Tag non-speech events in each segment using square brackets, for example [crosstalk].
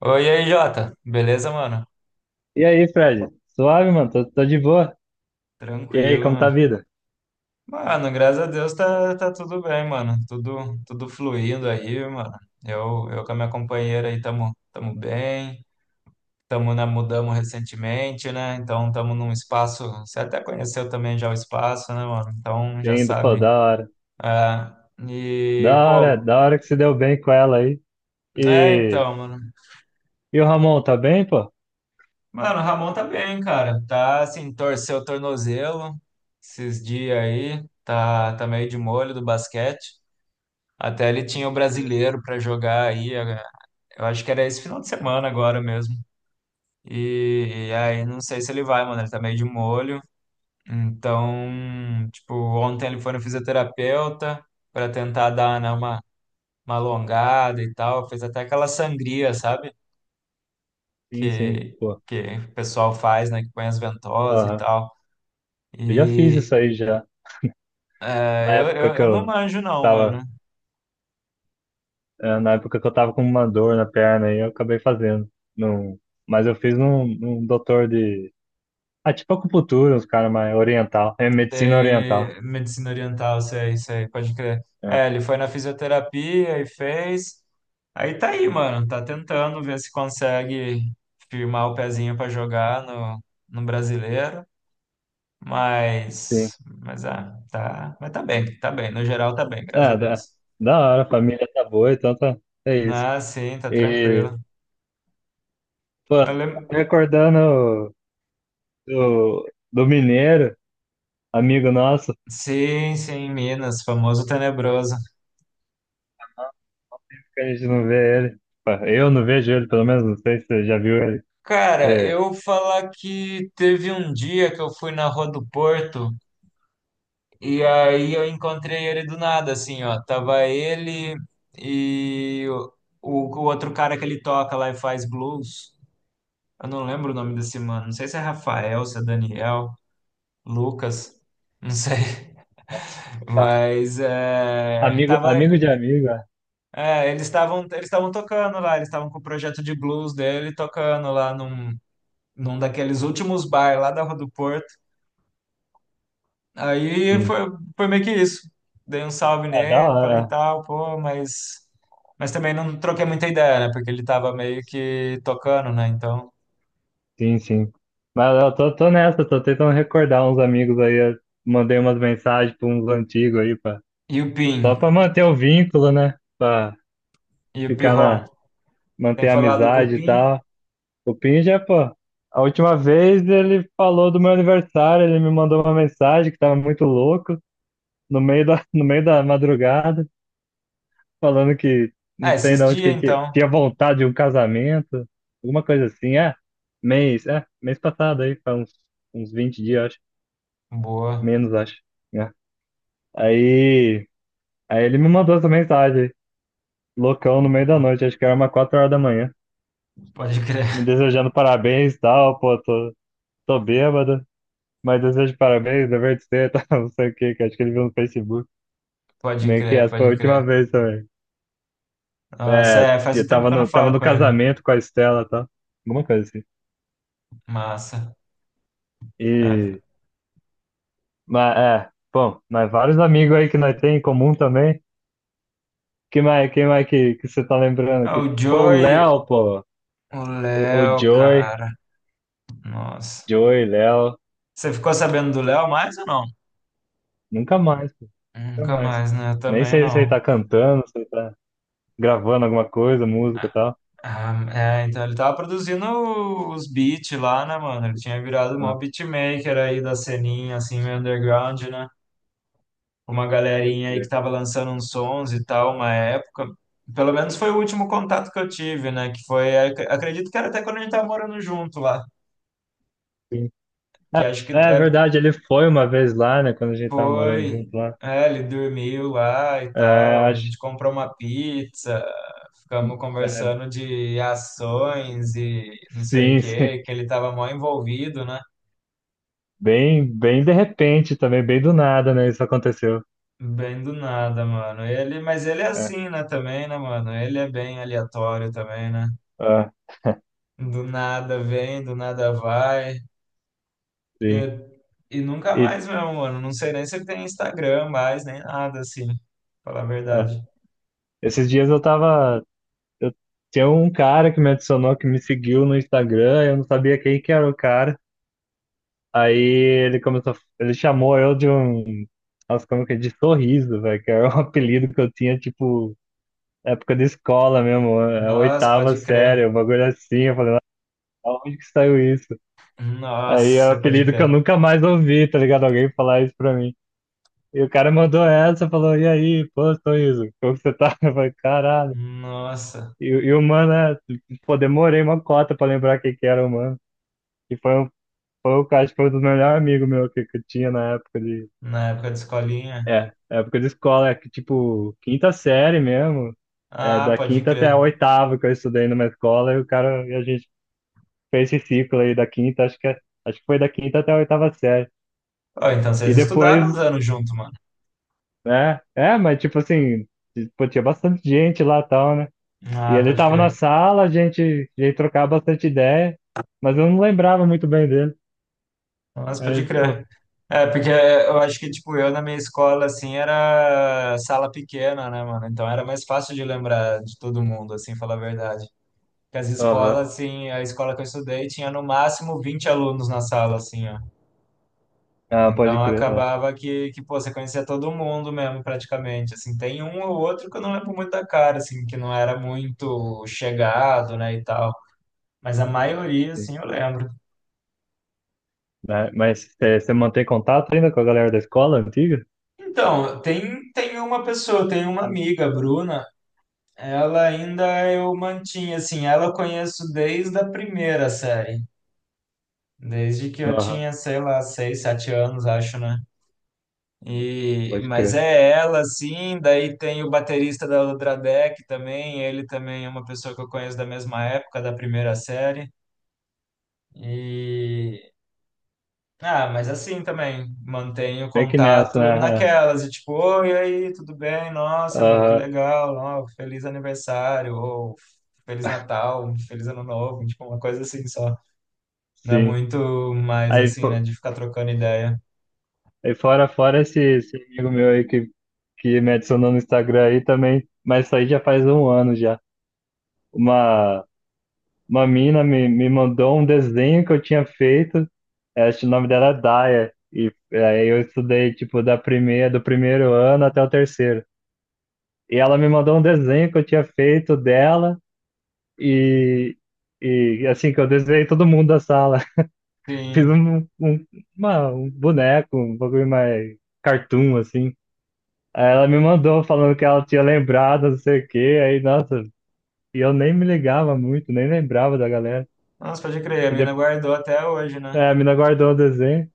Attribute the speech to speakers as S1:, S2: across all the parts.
S1: Oi, e aí, Jota. Beleza, mano?
S2: E aí, Fred? Suave, mano? Tô de boa. E aí,
S1: Tranquilo,
S2: como tá a
S1: mano.
S2: vida?
S1: Mano, graças a Deus tá tudo bem, mano. Tudo fluindo aí, mano. Eu com a minha companheira aí tamo bem. Mudamos recentemente, né? Então tamo num espaço. Você até conheceu também já o espaço, né, mano? Então já
S2: Indo, pô,
S1: sabe.
S2: da hora.
S1: Ah,
S2: Da
S1: e,
S2: hora,
S1: pô,
S2: da hora que se deu bem com ela aí.
S1: é
S2: E,
S1: então, mano.
S2: e o Ramon, tá bem, pô?
S1: Mano, o Ramon tá bem, cara. Tá assim, torceu o tornozelo esses dias aí. Tá meio de molho do basquete. Até ele tinha o brasileiro para jogar aí, eu acho que era esse final de semana agora mesmo. E aí não sei se ele vai, mano, ele tá meio de molho. Então, tipo, ontem ele foi no fisioterapeuta para tentar dar, né, uma alongada e tal, fez até aquela sangria, sabe?
S2: Sim, sim,
S1: Que,
S2: pô.
S1: que o pessoal faz, né, que põe as ventosas e
S2: Aham.
S1: tal.
S2: Eu já fiz isso
S1: E
S2: aí já. Na
S1: eu,
S2: época
S1: eu,
S2: que
S1: eu não
S2: eu
S1: manjo não,
S2: tava,
S1: mano.
S2: Na época que eu tava com uma dor na perna aí, eu acabei fazendo. Num, mas eu fiz num doutor de. Ah, tipo acupuntura, uns caras mais oriental. É medicina oriental.
S1: Sei, medicina oriental, sei, sei, pode crer.
S2: É,
S1: É, ele foi na fisioterapia e fez. Aí tá aí, mano, tá tentando ver se consegue firmar o pezinho pra jogar no brasileiro,
S2: sim.
S1: mas ah, tá, mas tá bem, no geral tá bem, graças a
S2: É, da,
S1: Deus.
S2: da hora, a família tá boa, então tá. É isso.
S1: Ah, sim, tá
S2: E,
S1: tranquilo.
S2: pô,
S1: Eu lem-
S2: recordando do Mineiro, amigo nosso,
S1: Sim, sim, Minas, famoso tenebroso.
S2: que a gente não vê ele. Pô, eu não vejo ele, pelo menos, não sei se você já viu ele.
S1: Cara,
S2: É,
S1: eu falar que teve um dia que eu fui na Rua do Porto. E aí eu encontrei ele do nada, assim, ó. Tava ele e o outro cara que ele toca lá e faz blues. Eu não lembro o nome desse mano. Não sei se é Rafael, se é Daniel, Lucas, não sei. [laughs]
S2: tá.
S1: Mas é, tava,
S2: Amigo de amigo, é,
S1: é, eles estavam tocando lá, eles estavam com o projeto de blues dele tocando lá num daqueles últimos bar lá da Rua do Porto. Aí
S2: sim.
S1: foi meio que isso. Dei um salve
S2: É da
S1: nele, falei
S2: hora,
S1: tal, pô, mas também não troquei muita ideia, né? Porque ele tava meio que tocando, né? Então.
S2: é. Sim, sim. Mas eu tô, nessa, tô tentando recordar uns amigos aí. Eu mandei umas mensagens pra uns antigos aí, pá.
S1: E o Pim,
S2: Só pra manter o vínculo, né? Pra
S1: e o
S2: ficar
S1: Pirron.
S2: na,
S1: Tem
S2: manter a
S1: falado com o
S2: amizade e
S1: Pim?
S2: tal. O Pinja, pô, a última vez ele falou do meu aniversário, ele me mandou uma mensagem que tava muito louco, no meio da, [laughs] no meio da madrugada, falando que não
S1: Ah,
S2: sei
S1: esses
S2: de onde que
S1: dias
S2: ele tinha,
S1: então.
S2: tinha vontade de um casamento, alguma coisa assim, mês passado aí, faz uns, 20 dias, acho,
S1: Boa,
S2: menos, acho, né? Aí, aí ele me mandou essa mensagem, loucão, no meio da
S1: boa.
S2: noite, acho que era umas 4 horas da manhã,
S1: Pode crer,
S2: me
S1: [laughs]
S2: desejando parabéns e tal, pô, tô bêbado. Mas desejo de parabéns, dever de ser, tá, [laughs] não sei o que, que acho que ele viu no Facebook.
S1: pode
S2: Meio que
S1: crer,
S2: essa foi a
S1: pode
S2: última
S1: crer.
S2: vez também.
S1: Nossa,
S2: É,
S1: é, faz um
S2: eu
S1: tempo
S2: tava
S1: que eu não
S2: no, tava
S1: falo
S2: no
S1: com ele.
S2: casamento com a Estela, tá? Alguma coisa assim.
S1: Massa. É,
S2: E, bom, mas vários amigos aí que nós tem em comum também. Quem mais que você tá lembrando?
S1: ah,
S2: Que,
S1: o
S2: pô, o
S1: Joey,
S2: Léo, pô,
S1: o
S2: o
S1: Léo,
S2: Joey,
S1: cara. Nossa.
S2: Joey, Léo,
S1: Você ficou sabendo do Léo mais ou não?
S2: nunca mais, pô, nunca
S1: Nunca
S2: mais.
S1: mais, né? Eu
S2: Nem
S1: também
S2: sei se ele
S1: não.
S2: tá cantando, se ele tá gravando alguma coisa, música e tal.
S1: Ah, é, então ele tava produzindo os beats lá, né, mano? Ele tinha virado um maior beatmaker aí da ceninha, assim, meio underground, né? Uma galerinha aí que tava lançando uns sons e tal, uma época. Pelo menos foi o último contato que eu tive, né? Que foi, acredito que era até quando a gente tava morando junto lá.
S2: Ah,
S1: Que acho que
S2: é
S1: deve.
S2: verdade, ele foi uma vez lá, né? Quando a gente tava morando junto
S1: Foi.
S2: lá.
S1: É, ele dormiu lá e
S2: É,
S1: tal. A
S2: acho,
S1: gente comprou uma pizza, ficamos
S2: é,
S1: conversando de ações e não sei o
S2: sim, [laughs] sim.
S1: quê, que ele tava mó envolvido, né?
S2: Bem de repente também, bem do nada, né? Isso aconteceu.
S1: Bem do nada, mano. Mas ele é
S2: É,
S1: assim, né, também, né, mano? Ele é bem aleatório também, né?
S2: ah,
S1: Do nada vem, do nada vai.
S2: sim.
S1: E nunca
S2: E
S1: mais mesmo, mano. Não sei nem se ele tem Instagram mais, nem nada assim, pra falar a
S2: ah,
S1: verdade.
S2: esses dias eu tava. Eu, tinha um cara que me adicionou, que me seguiu no Instagram, eu não sabia quem que era o cara. Aí ele começou, ele chamou eu de um, nossa, como que é, de sorriso, velho, que era um [laughs] apelido que eu tinha, tipo, época de escola mesmo,
S1: Nossa,
S2: oitava
S1: pode crer.
S2: série, um bagulho assim. Eu falei, aonde que saiu isso? Aí é um
S1: Nossa, pode
S2: apelido que eu
S1: crer.
S2: nunca mais ouvi, tá ligado? Alguém falar isso pra mim. E o cara mandou essa, falou, e aí, pô, Toizo, como que você tá? [laughs] Eu falei, caralho.
S1: Nossa,
S2: E o mano, pô, demorei uma cota pra lembrar quem que era o mano. E foi o cara, acho que foi um dos melhores amigos meu que eu tinha na época de...
S1: na época de escolinha.
S2: É, época de escola, é que, tipo, quinta série mesmo. É,
S1: Ah,
S2: da
S1: pode
S2: quinta até a
S1: crer.
S2: oitava que eu estudei numa escola. E o cara, e a gente fez esse ciclo aí da quinta, acho que foi da quinta até a oitava série.
S1: Ó, então
S2: E
S1: vocês estudaram uns
S2: depois,
S1: anos junto, mano.
S2: né? É, mas tipo assim, pô, tinha bastante gente lá e tal, né? E
S1: Ah,
S2: ele
S1: pode
S2: tava na
S1: crer.
S2: sala, a gente trocava bastante ideia, mas eu não lembrava muito bem dele.
S1: Nossa, pode
S2: Aí, pô,
S1: crer. É, porque eu acho que, tipo, eu na minha escola, assim, era sala pequena, né, mano? Então era mais fácil de lembrar de todo mundo, assim, falar a verdade. Porque as
S2: aham.
S1: escolas, assim, a escola que eu estudei tinha no máximo 20 alunos na sala, assim, ó.
S2: Ah, pode
S1: Então
S2: crer. É,
S1: acabava que pô, você conhecia todo mundo mesmo, praticamente. Assim, tem um ou outro que eu não lembro muito da cara, assim, que não era muito chegado, né, e tal. Mas a maioria,
S2: sim.
S1: assim, eu lembro.
S2: Né? Mas você mantém contato ainda com a galera da escola antiga?
S1: Então, tem uma pessoa, tem uma amiga, a Bruna, ela ainda eu mantinha, assim, ela eu conheço desde a primeira série. Desde que eu
S2: Aham,
S1: tinha, sei lá, 6, 7 anos, acho, né? E,
S2: pode
S1: mas
S2: crer.
S1: é ela, sim. Daí tem o baterista da Ultradeck também. Ele também é uma pessoa que eu conheço da mesma época, da primeira série. E. Ah, mas assim também, mantenho
S2: Bem que nessa,
S1: contato
S2: né?
S1: naquelas, e tipo, oi, e aí, tudo bem?
S2: É,
S1: Nossa, meu, que
S2: aham,
S1: legal, ó, feliz aniversário, ou feliz Natal, feliz Ano Novo, tipo, uma coisa assim só. Não é
S2: sim.
S1: muito mais
S2: Aí,
S1: assim, né,
S2: pô,
S1: de ficar trocando ideia.
S2: aí fora esse, amigo meu aí que me adicionou no Instagram aí também, mas isso aí já faz um ano já. Uma, uma mina me mandou um desenho que eu tinha feito, eu acho que o nome dela é Daya, e aí eu estudei, tipo, da primeira, do primeiro ano até o terceiro. E ela me mandou um desenho que eu tinha feito dela, e, e assim, que eu desenhei todo mundo da sala. [laughs] Fiz
S1: Sim,
S2: um boneco, um bagulho mais cartoon, assim. Aí ela me mandou falando que ela tinha lembrado, não sei o quê, aí, nossa, e eu nem me ligava muito, nem lembrava da galera.
S1: nossa, pode crer,
S2: E
S1: a mina
S2: depois,
S1: guardou até hoje, né?
S2: a mina guardou o desenho.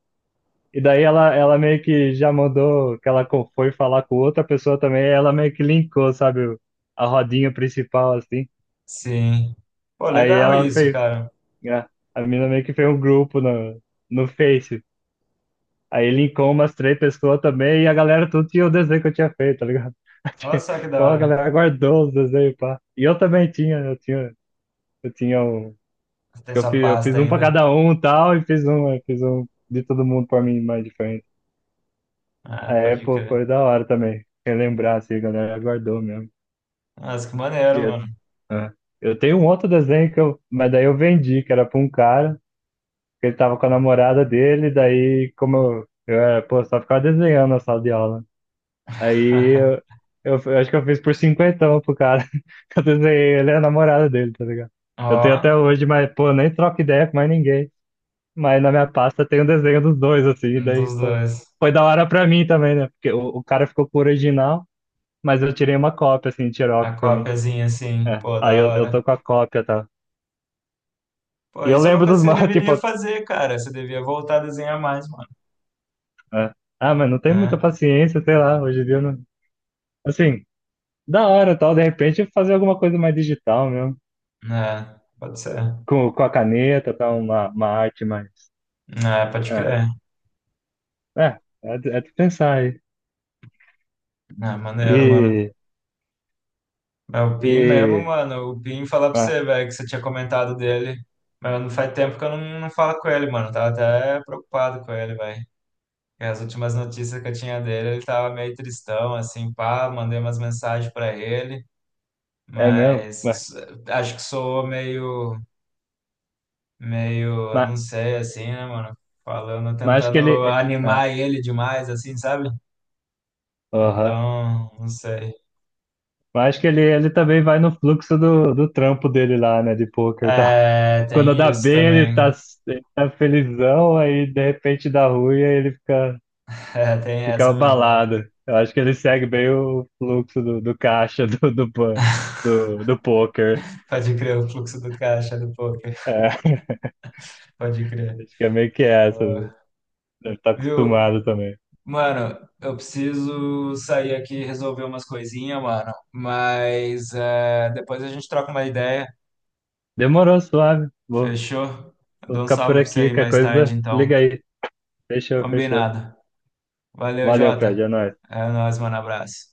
S2: E daí ela meio que já mandou que ela foi falar com outra pessoa também, aí ela meio que linkou, sabe, a rodinha principal, assim.
S1: Sim. Pô,
S2: Aí
S1: legal
S2: ela
S1: isso,
S2: fez,
S1: cara.
S2: a, a mina meio que fez um grupo no, Face. Aí linkou umas três pessoas também e a galera tudo tinha o desenho que eu tinha feito, tá ligado?
S1: Olha
S2: [laughs]
S1: só que
S2: Pô,
S1: da
S2: a
S1: hora.
S2: galera guardou os desenhos, pá. E eu também tinha, eu tinha um,
S1: Tem
S2: eu
S1: sua
S2: fiz, eu
S1: pasta
S2: fiz um pra
S1: ainda.
S2: cada um e tal, e fiz um, eu fiz um de todo mundo pra mim mais diferente.
S1: Ah,
S2: É,
S1: pode
S2: pô,
S1: crer.
S2: foi da hora também. Relembrar, assim, a galera guardou mesmo.
S1: Nossa, que
S2: E
S1: maneiro,
S2: eu,
S1: mano.
S2: é. Eu tenho um outro desenho que eu. Mas daí eu vendi, que era pra um cara, que ele tava com a namorada dele, daí, como eu era, pô, só ficava desenhando na sala de aula. Aí eu,
S1: [laughs]
S2: eu, eu acho que eu fiz por cinquentão pro cara. [laughs] Eu desenhei, ele é a namorada dele, tá ligado?
S1: Ó,
S2: Eu tenho até hoje, mas, pô, nem troco ideia com mais ninguém. Mas na minha pasta tem um desenho dos dois, assim,
S1: um
S2: daí,
S1: dos
S2: pô.
S1: dois.
S2: Foi da hora pra mim também, né? Porque o cara ficou com o original. Mas eu tirei uma cópia, assim,
S1: A
S2: xerox pra mim.
S1: cópiazinha, assim.
S2: É.
S1: Pô,
S2: Aí
S1: da
S2: eu tô
S1: hora.
S2: com a cópia, tá?
S1: Pô,
S2: E eu
S1: isso é uma
S2: lembro
S1: coisa
S2: dos
S1: que você
S2: mapas, [laughs] tipo,
S1: deveria fazer, cara. Você devia voltar a desenhar mais, mano.
S2: é. Ah, mas não tenho muita
S1: Né?
S2: paciência, sei lá, hoje em dia eu não. Assim, da hora, tal, de repente fazer alguma coisa mais digital mesmo.
S1: Né? Pode ser.
S2: Com a caneta, tal, uma arte mais.
S1: Né? Pode
S2: É,
S1: crer.
S2: é, é, é de pensar aí.
S1: Né? Maneiro, mano.
S2: E.
S1: É o Pin mesmo,
S2: E.
S1: mano. O Pin falar pra
S2: ah,
S1: você, velho, que você tinha comentado dele. Mas não faz tempo que eu não, falo com ele, mano. Tava até preocupado com ele, velho. E as últimas notícias que eu tinha dele, ele tava meio tristão, assim, pá, mandei umas mensagens para ele,
S2: É mesmo? Mas,
S1: mas acho que soou meio, eu
S2: mas,
S1: não sei, assim, né, mano? Falando,
S2: mas acho que
S1: tentando
S2: ele. É, é,
S1: animar ele demais, assim, sabe?
S2: aham.
S1: Então, não sei.
S2: Mas acho que ele também vai no fluxo do trampo dele lá, né, de poker e tal.
S1: É,
S2: Quando
S1: tem
S2: dá
S1: isso
S2: bem, ele tá,
S1: também.
S2: ele tá felizão, aí de repente dá ruim, aí ele fica,
S1: [laughs] É, tem
S2: fica
S1: essa mesmo, mano.
S2: abalado. Eu acho que ele segue bem o fluxo do caixa [laughs] do poker.
S1: Pode crer, o fluxo do caixa do poker.
S2: É,
S1: Pode crer.
S2: acho que é meio que essa.
S1: Boa.
S2: Deve estar
S1: Viu?
S2: acostumado também.
S1: Mano, eu preciso sair aqui e resolver umas coisinhas, mano. Mas é, depois a gente troca uma ideia.
S2: Demorou, suave. Vou,
S1: Fechou?
S2: vou
S1: Dou um
S2: ficar por
S1: salve pra você
S2: aqui.
S1: aí
S2: Qualquer
S1: mais tarde,
S2: coisa,
S1: então.
S2: liga aí. Fechou, fechou.
S1: Combinado. Valeu,
S2: Valeu, Fred.
S1: Jota.
S2: É nóis.
S1: É nóis, mano. Abraço.